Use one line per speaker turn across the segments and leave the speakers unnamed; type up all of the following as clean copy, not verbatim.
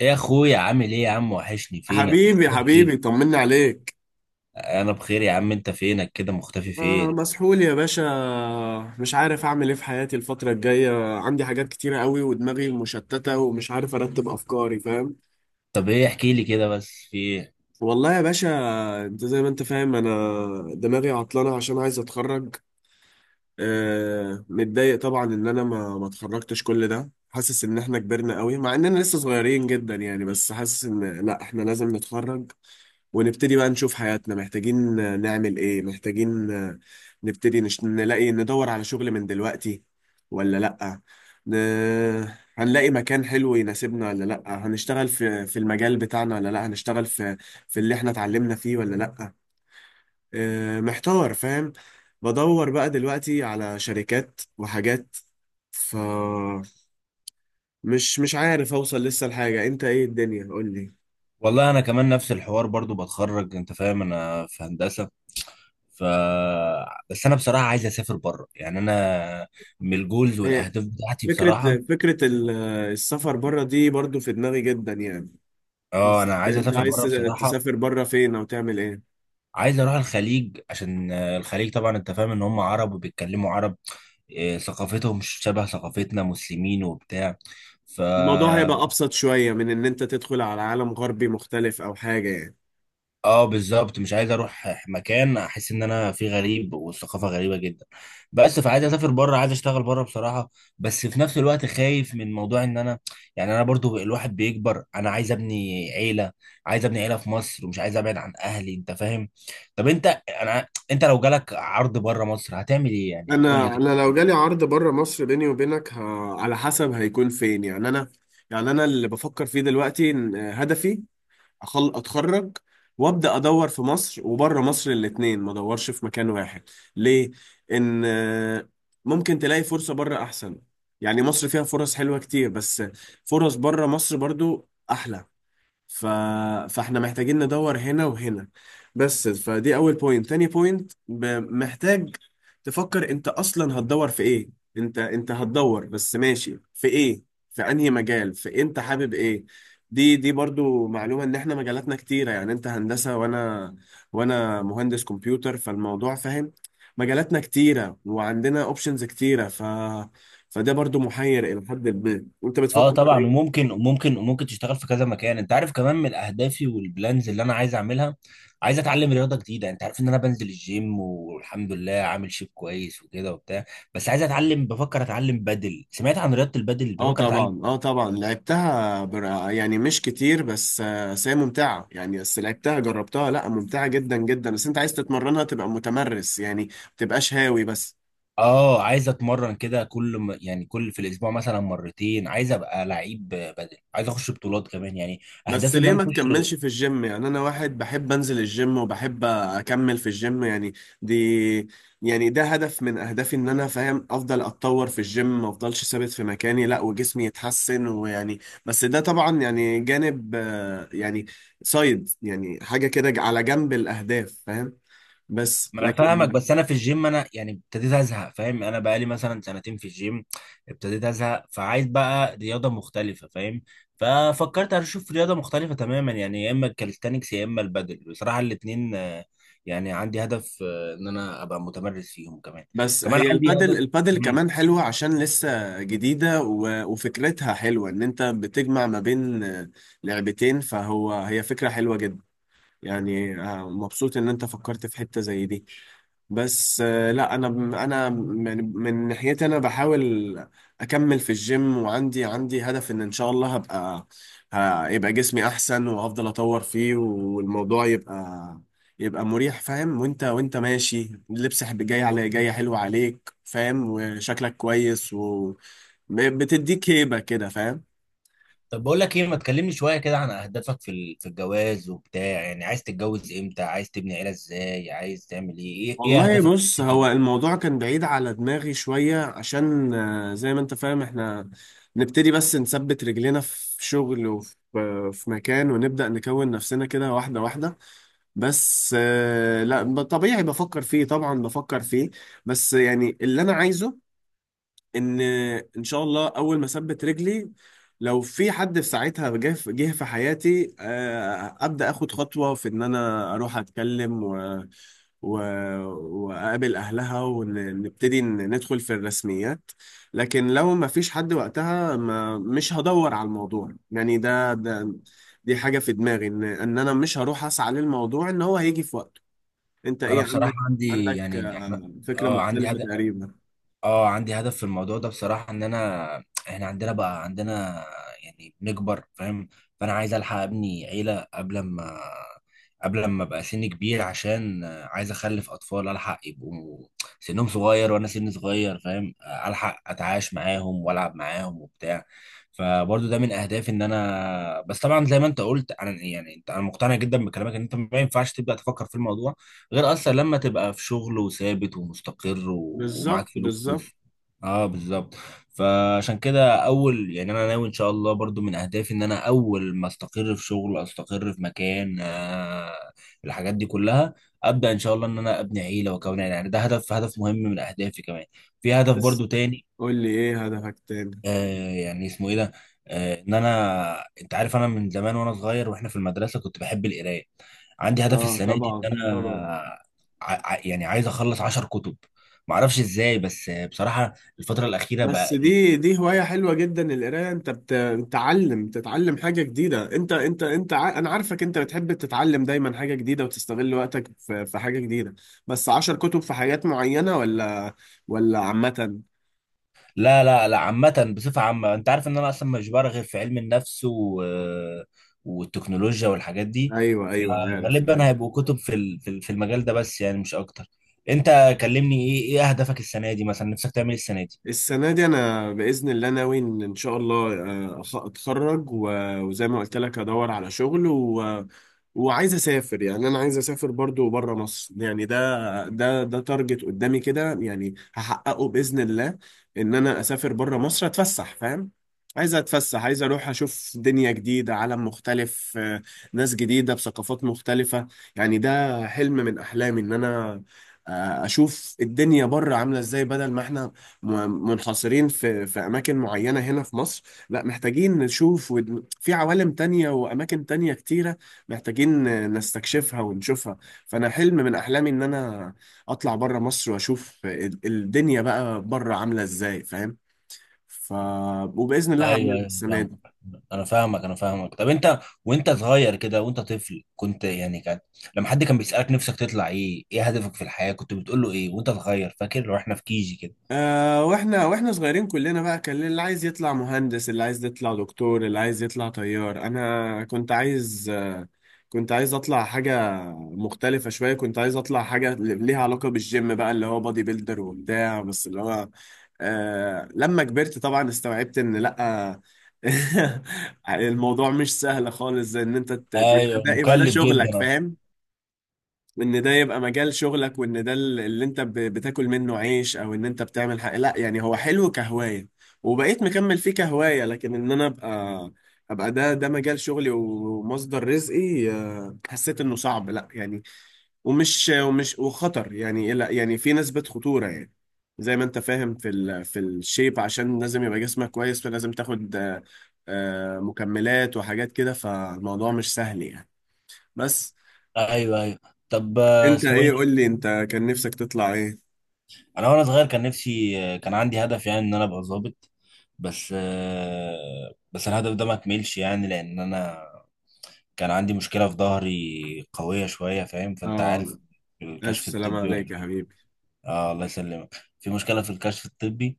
ايه يا اخويا، عامل ايه يا عم؟ وحشني، فينك
حبيبي
مختفي فين؟
حبيبي، طمنا عليك.
انا بخير يا عم. انت فينك كده مختفي
آه،
فين؟
مسحول يا باشا. مش عارف أعمل إيه في حياتي الفترة الجاية، عندي حاجات كتيرة قوي، ودماغي مشتتة، ومش عارف أرتب أفكاري، فاهم؟
طب ايه، احكي لي كده بس، في ايه؟
والله يا باشا، أنت زي ما أنت فاهم، أنا دماغي عطلانة عشان عايز أتخرج. آه، متضايق طبعا إن أنا ما اتخرجتش كل ده، حاسس إن إحنا كبرنا قوي مع إننا لسه صغيرين جدا يعني، بس حاسس إن لأ، إحنا لازم نتخرج ونبتدي بقى نشوف حياتنا. محتاجين نعمل ايه، محتاجين نبتدي نلاقي، ندور على شغل من دلوقتي ولا لأ؟ ن... هنلاقي مكان حلو يناسبنا ولا لأ؟ هنشتغل في المجال بتاعنا ولا لأ؟ هنشتغل في اللي احنا اتعلمنا فيه ولا لأ؟ محتار فاهم. بدور بقى دلوقتي على شركات وحاجات، فمش مش مش عارف اوصل لسه لحاجة. انت ايه الدنيا؟ قول
والله انا كمان نفس الحوار، برضو بتخرج انت فاهم. انا في هندسة. ف بس انا بصراحة عايز اسافر بره، يعني انا من الجولز
لي،
والاهداف بتاعتي
فكرة
بصراحة.
فكرة ال- السفر بره دي برضو في دماغي جدا يعني.
اه، انا
بس
عايز
انت
اسافر
عايز
بره بصراحة.
تسافر بره فين؟ او تعمل ايه؟
عايز اروح الخليج عشان الخليج طبعا انت فاهم ان هم عرب وبيتكلموا عرب. ثقافتهم مش شبه ثقافتنا، مسلمين وبتاع. ف
الموضوع هيبقى ابسط شوية من ان انت تدخل على عالم غربي مختلف او حاجة يعني.
اه، بالظبط. مش عايز اروح مكان احس ان انا فيه غريب والثقافه غريبه جدا. بس فعايز اسافر بره، عايز اشتغل بره بصراحه. بس في نفس الوقت خايف من موضوع ان انا، يعني انا برضو الواحد بيكبر، انا عايز ابني عيله. عايز ابني عيله في مصر ومش عايز ابعد عن اهلي، انت فاهم. طب انت لو جالك عرض بره مصر هتعمل ايه يعني؟ قول
انا
لي.
انا لو جالي عرض بره مصر، بيني وبينك، على حسب هيكون فين يعني. انا، يعني انا اللي بفكر فيه دلوقتي إن هدفي اتخرج، وابدا ادور في مصر وبره مصر الاتنين، ما ادورش في مكان واحد. ليه؟ ان آه، ممكن تلاقي فرصة بره احسن. يعني مصر فيها فرص حلوة كتير، بس فرص بره مصر برضو احلى. ف... فاحنا محتاجين ندور هنا وهنا. بس فدي اول بوينت، تاني بوينت محتاج تفكر انت اصلا هتدور في ايه. انت هتدور بس ماشي في ايه؟ في انهي مجال؟ انت حابب ايه؟ دي برضو معلومة، ان احنا مجالاتنا كتيرة يعني. انت هندسة، وانا مهندس كمبيوتر، فالموضوع فاهم. مجالاتنا كتيرة وعندنا اوبشنز كتيرة، فده برضو محير الى حد ما. وانت
اه
بتفكر في
طبعا،
ايه؟
وممكن وممكن وممكن تشتغل في كذا مكان. انت عارف كمان من اهدافي والبلانز اللي انا عايز اعملها، عايز اتعلم رياضه جديده. انت عارف ان انا بنزل الجيم والحمد لله عامل شيب كويس وكده وبتاع. بس عايز اتعلم، بفكر اتعلم بدل، سمعت عن رياضه البدل
اه
بفكر اتعلم.
طبعا، اه طبعا، لعبتها برا يعني مش كتير، بس هي ممتعة يعني، بس لعبتها، جربتها، لا ممتعة جدا جدا. بس انت عايز تتمرنها، تبقى متمرس يعني، ما تبقاش هاوي بس.
اه، عايز اتمرن كده يعني كل في الاسبوع مثلا مرتين، عايز ابقى لعيب بدل، عايز اخش بطولات كمان يعني.
بس
اهدافي ان
ليه
انا
ما
اخش.
تكملش في الجيم؟ يعني انا واحد بحب انزل الجيم، وبحب اكمل في الجيم يعني. دي يعني ده هدف من اهدافي، ان انا فاهم افضل اتطور في الجيم، ما افضلش ثابت في مكاني، لا، وجسمي يتحسن ويعني. بس ده طبعا يعني جانب، يعني سايد، يعني حاجة كده على جنب الاهداف فاهم. بس
ما انا فاهمك،
لكن
بس انا في الجيم انا يعني ابتديت ازهق فاهم. انا بقالي مثلا سنتين في الجيم، ابتديت ازهق، فعايز بقى رياضه مختلفه فاهم. ففكرت اشوف رياضه مختلفه تماما، يعني يا اما الكاليستانكس يا اما البادل بصراحه الاثنين. يعني عندي هدف، ان انا ابقى متمرس فيهم كمان.
بس
كمان
هي
عندي
البادل،
هدف. مم.
كمان حلوة عشان لسه جديدة، وفكرتها حلوة ان انت بتجمع ما بين لعبتين. هي فكرة حلوة جدا يعني. مبسوط ان انت فكرت في حتة زي دي. بس آه، لا، انا يعني، من ناحيتي انا بحاول اكمل في الجيم. وعندي هدف ان ان شاء الله هبقى، هيبقى جسمي احسن، وافضل اطور فيه، والموضوع يبقى مريح فاهم. وانت ماشي، اللبس جاي على جاي حلو عليك فاهم، وشكلك كويس، بتديك هيبة كده فاهم.
طب بقول لك ايه، ما تكلمني شويه كده عن اهدافك في في الجواز وبتاع؟ يعني عايز تتجوز امتى، عايز تبني عيله ازاي، عايز تعمل ايه؟ إيه
والله
اهدافك في
بص، هو
الحياة؟
الموضوع كان بعيد على دماغي شوية عشان، زي ما انت فاهم، احنا نبتدي بس نثبت رجلينا في شغل، وفي آه، في مكان، ونبدأ نكون نفسنا كده واحدة واحدة. بس آه، لا طبيعي بفكر فيه، طبعا بفكر فيه. بس يعني اللي انا عايزه، ان ان شاء الله اول ما اثبت رجلي، لو في حد في ساعتها جه في حياتي، ابدا اخد خطوه في ان انا اروح اتكلم و... واقابل اهلها، ونبتدي ندخل في الرسميات. لكن لو ما فيش حد وقتها، ما مش هدور على الموضوع يعني. ده ده دي حاجه في دماغي، ان انا مش هروح اسعى للموضوع، ان هو هيجي في وقته. انت
انا
ايه
بصراحه
عندك؟
عندي،
عندك
يعني احنا،
فكره
اه عندي
مختلفه
هدف.
تقريبا.
اه، عندي هدف في الموضوع ده بصراحه. ان انا، احنا عندنا بقى عندنا، يعني بنكبر فاهم. فانا عايز الحق ابني عيله قبل ما، قبل ما ابقى سني كبير. عشان عايز اخلف اطفال الحق يبقوا سنهم صغير وانا سني صغير فاهم. الحق اتعايش معاهم والعب معاهم وبتاع. فبرضو ده من اهدافي ان انا، بس طبعا زي ما انت قلت، انا يعني، انت، انا مقتنع جدا بكلامك ان انت ما ينفعش تبدا تفكر في الموضوع غير اصلا لما تبقى في شغل وثابت ومستقر
بالظبط،
ومعاك فلوس.
بالظبط.
اه، بالظبط. فعشان كده اول، يعني انا ناوي ان شاء الله برضو من اهدافي ان انا اول ما استقر في شغل، استقر في مكان. الحاجات دي كلها، ابدا ان شاء الله ان انا ابني عيله واكون عيله. يعني ده هدف، هدف مهم من اهدافي كمان. في هدف
بس
برضو تاني.
قول لي ايه هدفك تاني؟
يعني اسمه ايه ده، ان انا، انت عارف انا من زمان وانا صغير واحنا في المدرسه كنت بحب القرايه. عندي هدف
اه
السنه دي
طبعا،
ان
طبعا.
انا يعني عايز اخلص 10 كتب. ما اعرفش ازاي، بس بصراحه الفتره الاخيره بقى
بس دي
يعني.
دي هواية حلوة جدا، القراية. انت بتتعلم حاجة جديدة. انت انا عارفك، انت بتحب تتعلم دايما حاجة جديدة، وتستغل وقتك في حاجة جديدة. بس 10 كتب في حاجات معينة، ولا عامة؟
لا، لا، لا، عامه، بصفه عامه انت عارف ان انا اصلا مش بقرا غير في علم النفس والتكنولوجيا والحاجات دي.
ايوه، ايوه، عارف.
فغالبا هيبقوا كتب في في المجال ده بس، يعني مش اكتر. انت كلمني، ايه اهدافك السنه دي؟ مثلا نفسك تعمل إيه السنه دي؟
السنة دي أنا بإذن الله ناوي إن إن شاء الله، أتخرج، وزي ما قلت لك أدور على شغل وعايز أسافر يعني. أنا عايز أسافر برضو بره مصر يعني، ده تارجت قدامي كده، يعني هحققه بإذن الله، إن أنا أسافر بره مصر أتفسح فاهم. عايز أتفسح، عايز أروح أشوف دنيا جديدة، عالم مختلف، ناس جديدة بثقافات مختلفة. يعني ده حلم من أحلامي إن أنا أشوف الدنيا بره عاملة إزاي، بدل ما إحنا منحصرين في اماكن معينه هنا في مصر. لا، محتاجين نشوف في عوالم تانية واماكن تانية كتيره، محتاجين نستكشفها ونشوفها. فانا حلم من احلامي ان انا اطلع بره مصر، واشوف الدنيا بقى بره عامله ازاي فاهم. ف وباذن الله
ايوه،
هعملها
ايوه. أنا
السنه
فاهمك،
دي.
انا فاهمك، انا فاهمك. طب انت وانت صغير كده وانت طفل كنت، يعني كان لما حد كان بيسألك نفسك تطلع ايه، ايه هدفك في الحياة، كنت بتقول له ايه وانت صغير؟ فاكر واحنا في كيجي كده؟
آه، واحنا صغيرين كلنا بقى، كان اللي عايز يطلع مهندس، اللي عايز يطلع دكتور، اللي عايز يطلع طيار. انا كنت عايز كنت عايز اطلع حاجة مختلفة شوية، كنت عايز اطلع حاجة ليها علاقة بالجيم بقى، اللي هو بادي بيلدر وبتاع. بس اللي هو لما كبرت طبعا استوعبت ان لا، الموضوع مش سهل خالص، زي ان انت تبقى
ايوه،
ده، يبقى ده
مكلف
شغلك
جدا أصلا.
فاهم. وان ده يبقى مجال شغلك، وان ده اللي انت بتاكل منه عيش، او ان انت بتعمل حاجه. لا يعني، هو حلو كهوايه، وبقيت مكمل فيه كهوايه. لكن ان انا ابقى، ده مجال شغلي ومصدر رزقي، حسيت انه صعب لا يعني، ومش وخطر يعني إيه، لا يعني في نسبه خطوره يعني. زي ما انت فاهم في الشيب، عشان لازم يبقى جسمك كويس، فلازم تاخد مكملات وحاجات كده، فالموضوع مش سهل يعني. بس...
ايوه ايوه. طب
انت
اسمه ايه
ايه
ده؟
قول لي انت، كان نفسك تطلع ايه؟
انا وانا صغير كان نفسي، كان عندي هدف يعني ان انا ابقى ظابط. بس الهدف ده ما كملش يعني. لان انا كان عندي مشكلة في ظهري قوية شوية فاهم، فانت عارف
اه، الف
الكشف
سلامة
الطبي
عليك يا
ولا.
حبيبي.
اه، الله يسلمك، في مشكله في الكشف الطبي.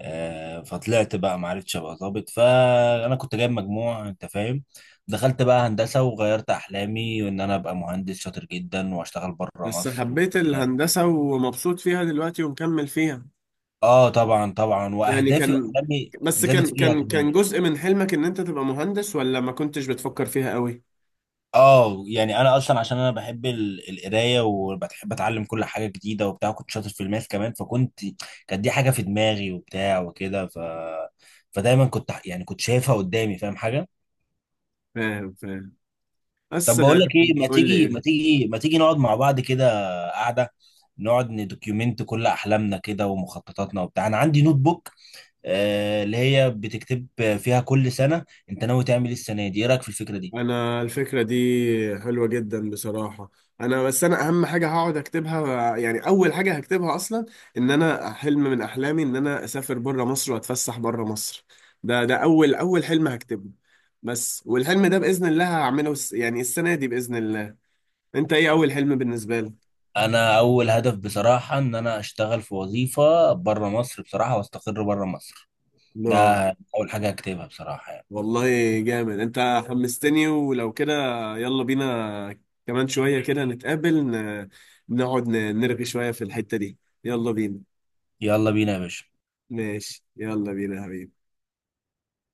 فطلعت بقى ما عرفتش ابقى ظابط. فانا كنت جايب مجموع انت فاهم. دخلت بقى هندسه وغيرت احلامي، وان انا ابقى مهندس شاطر جدا واشتغل بره
بس
مصر
حبيت
وبتاع.
الهندسة، ومبسوط فيها دلوقتي، ومكمل فيها.
اه طبعا، طبعا،
يعني
واهدافي
كان،
واحلامي
بس
زادت
كان
فيها
كان
كمان.
كان جزء من حلمك ان انت تبقى مهندس، ولا ما كنتش بتفكر فيها قوي؟
اه يعني انا اصلا عشان انا بحب القرايه وبحب اتعلم كل حاجه جديده وبتاع. كنت شاطر في الماث كمان، فكنت، كانت دي حاجه في دماغي وبتاع وكده. فدايما كنت، يعني كنت شايفها قدامي فاهم حاجه.
فاهم، فاهم. بس
طب بقول
آه،
لك ايه، ما
قول لي
تيجي ما
إيه؟
تيجي ما تيجي نقعد مع بعض كده، قاعده، نقعد ندوكيومنت كل احلامنا كده ومخططاتنا وبتاع. انا عندي نوت بوك، آه اللي هي بتكتب فيها كل سنه انت ناوي تعمل إيه السنه دي. ايه رايك في الفكره دي؟
انا الفكره دي حلوه جدا بصراحه. انا اهم حاجه هقعد اكتبها، يعني اول حاجه هكتبها اصلا، ان انا حلم من احلامي ان انا اسافر بره مصر، واتفسح بره مصر. ده اول حلم هكتبه. بس والحلم ده باذن الله هعمله يعني السنه دي باذن الله. انت ايه اول حلم بالنسبه لك؟
انا اول هدف بصراحه ان انا اشتغل في وظيفه بره مصر بصراحه، واستقر بره مصر. ده
نعم.
اول حاجه هكتبها بصراحه يعني.
والله، جامد، انت حمستني. ولو كده، يلا بينا، كمان شويه كده نتقابل، نقعد، نرغي شويه في الحته دي. يلا بينا.
يلا بينا يا باشا.
ماشي، يلا بينا يا حبيبي.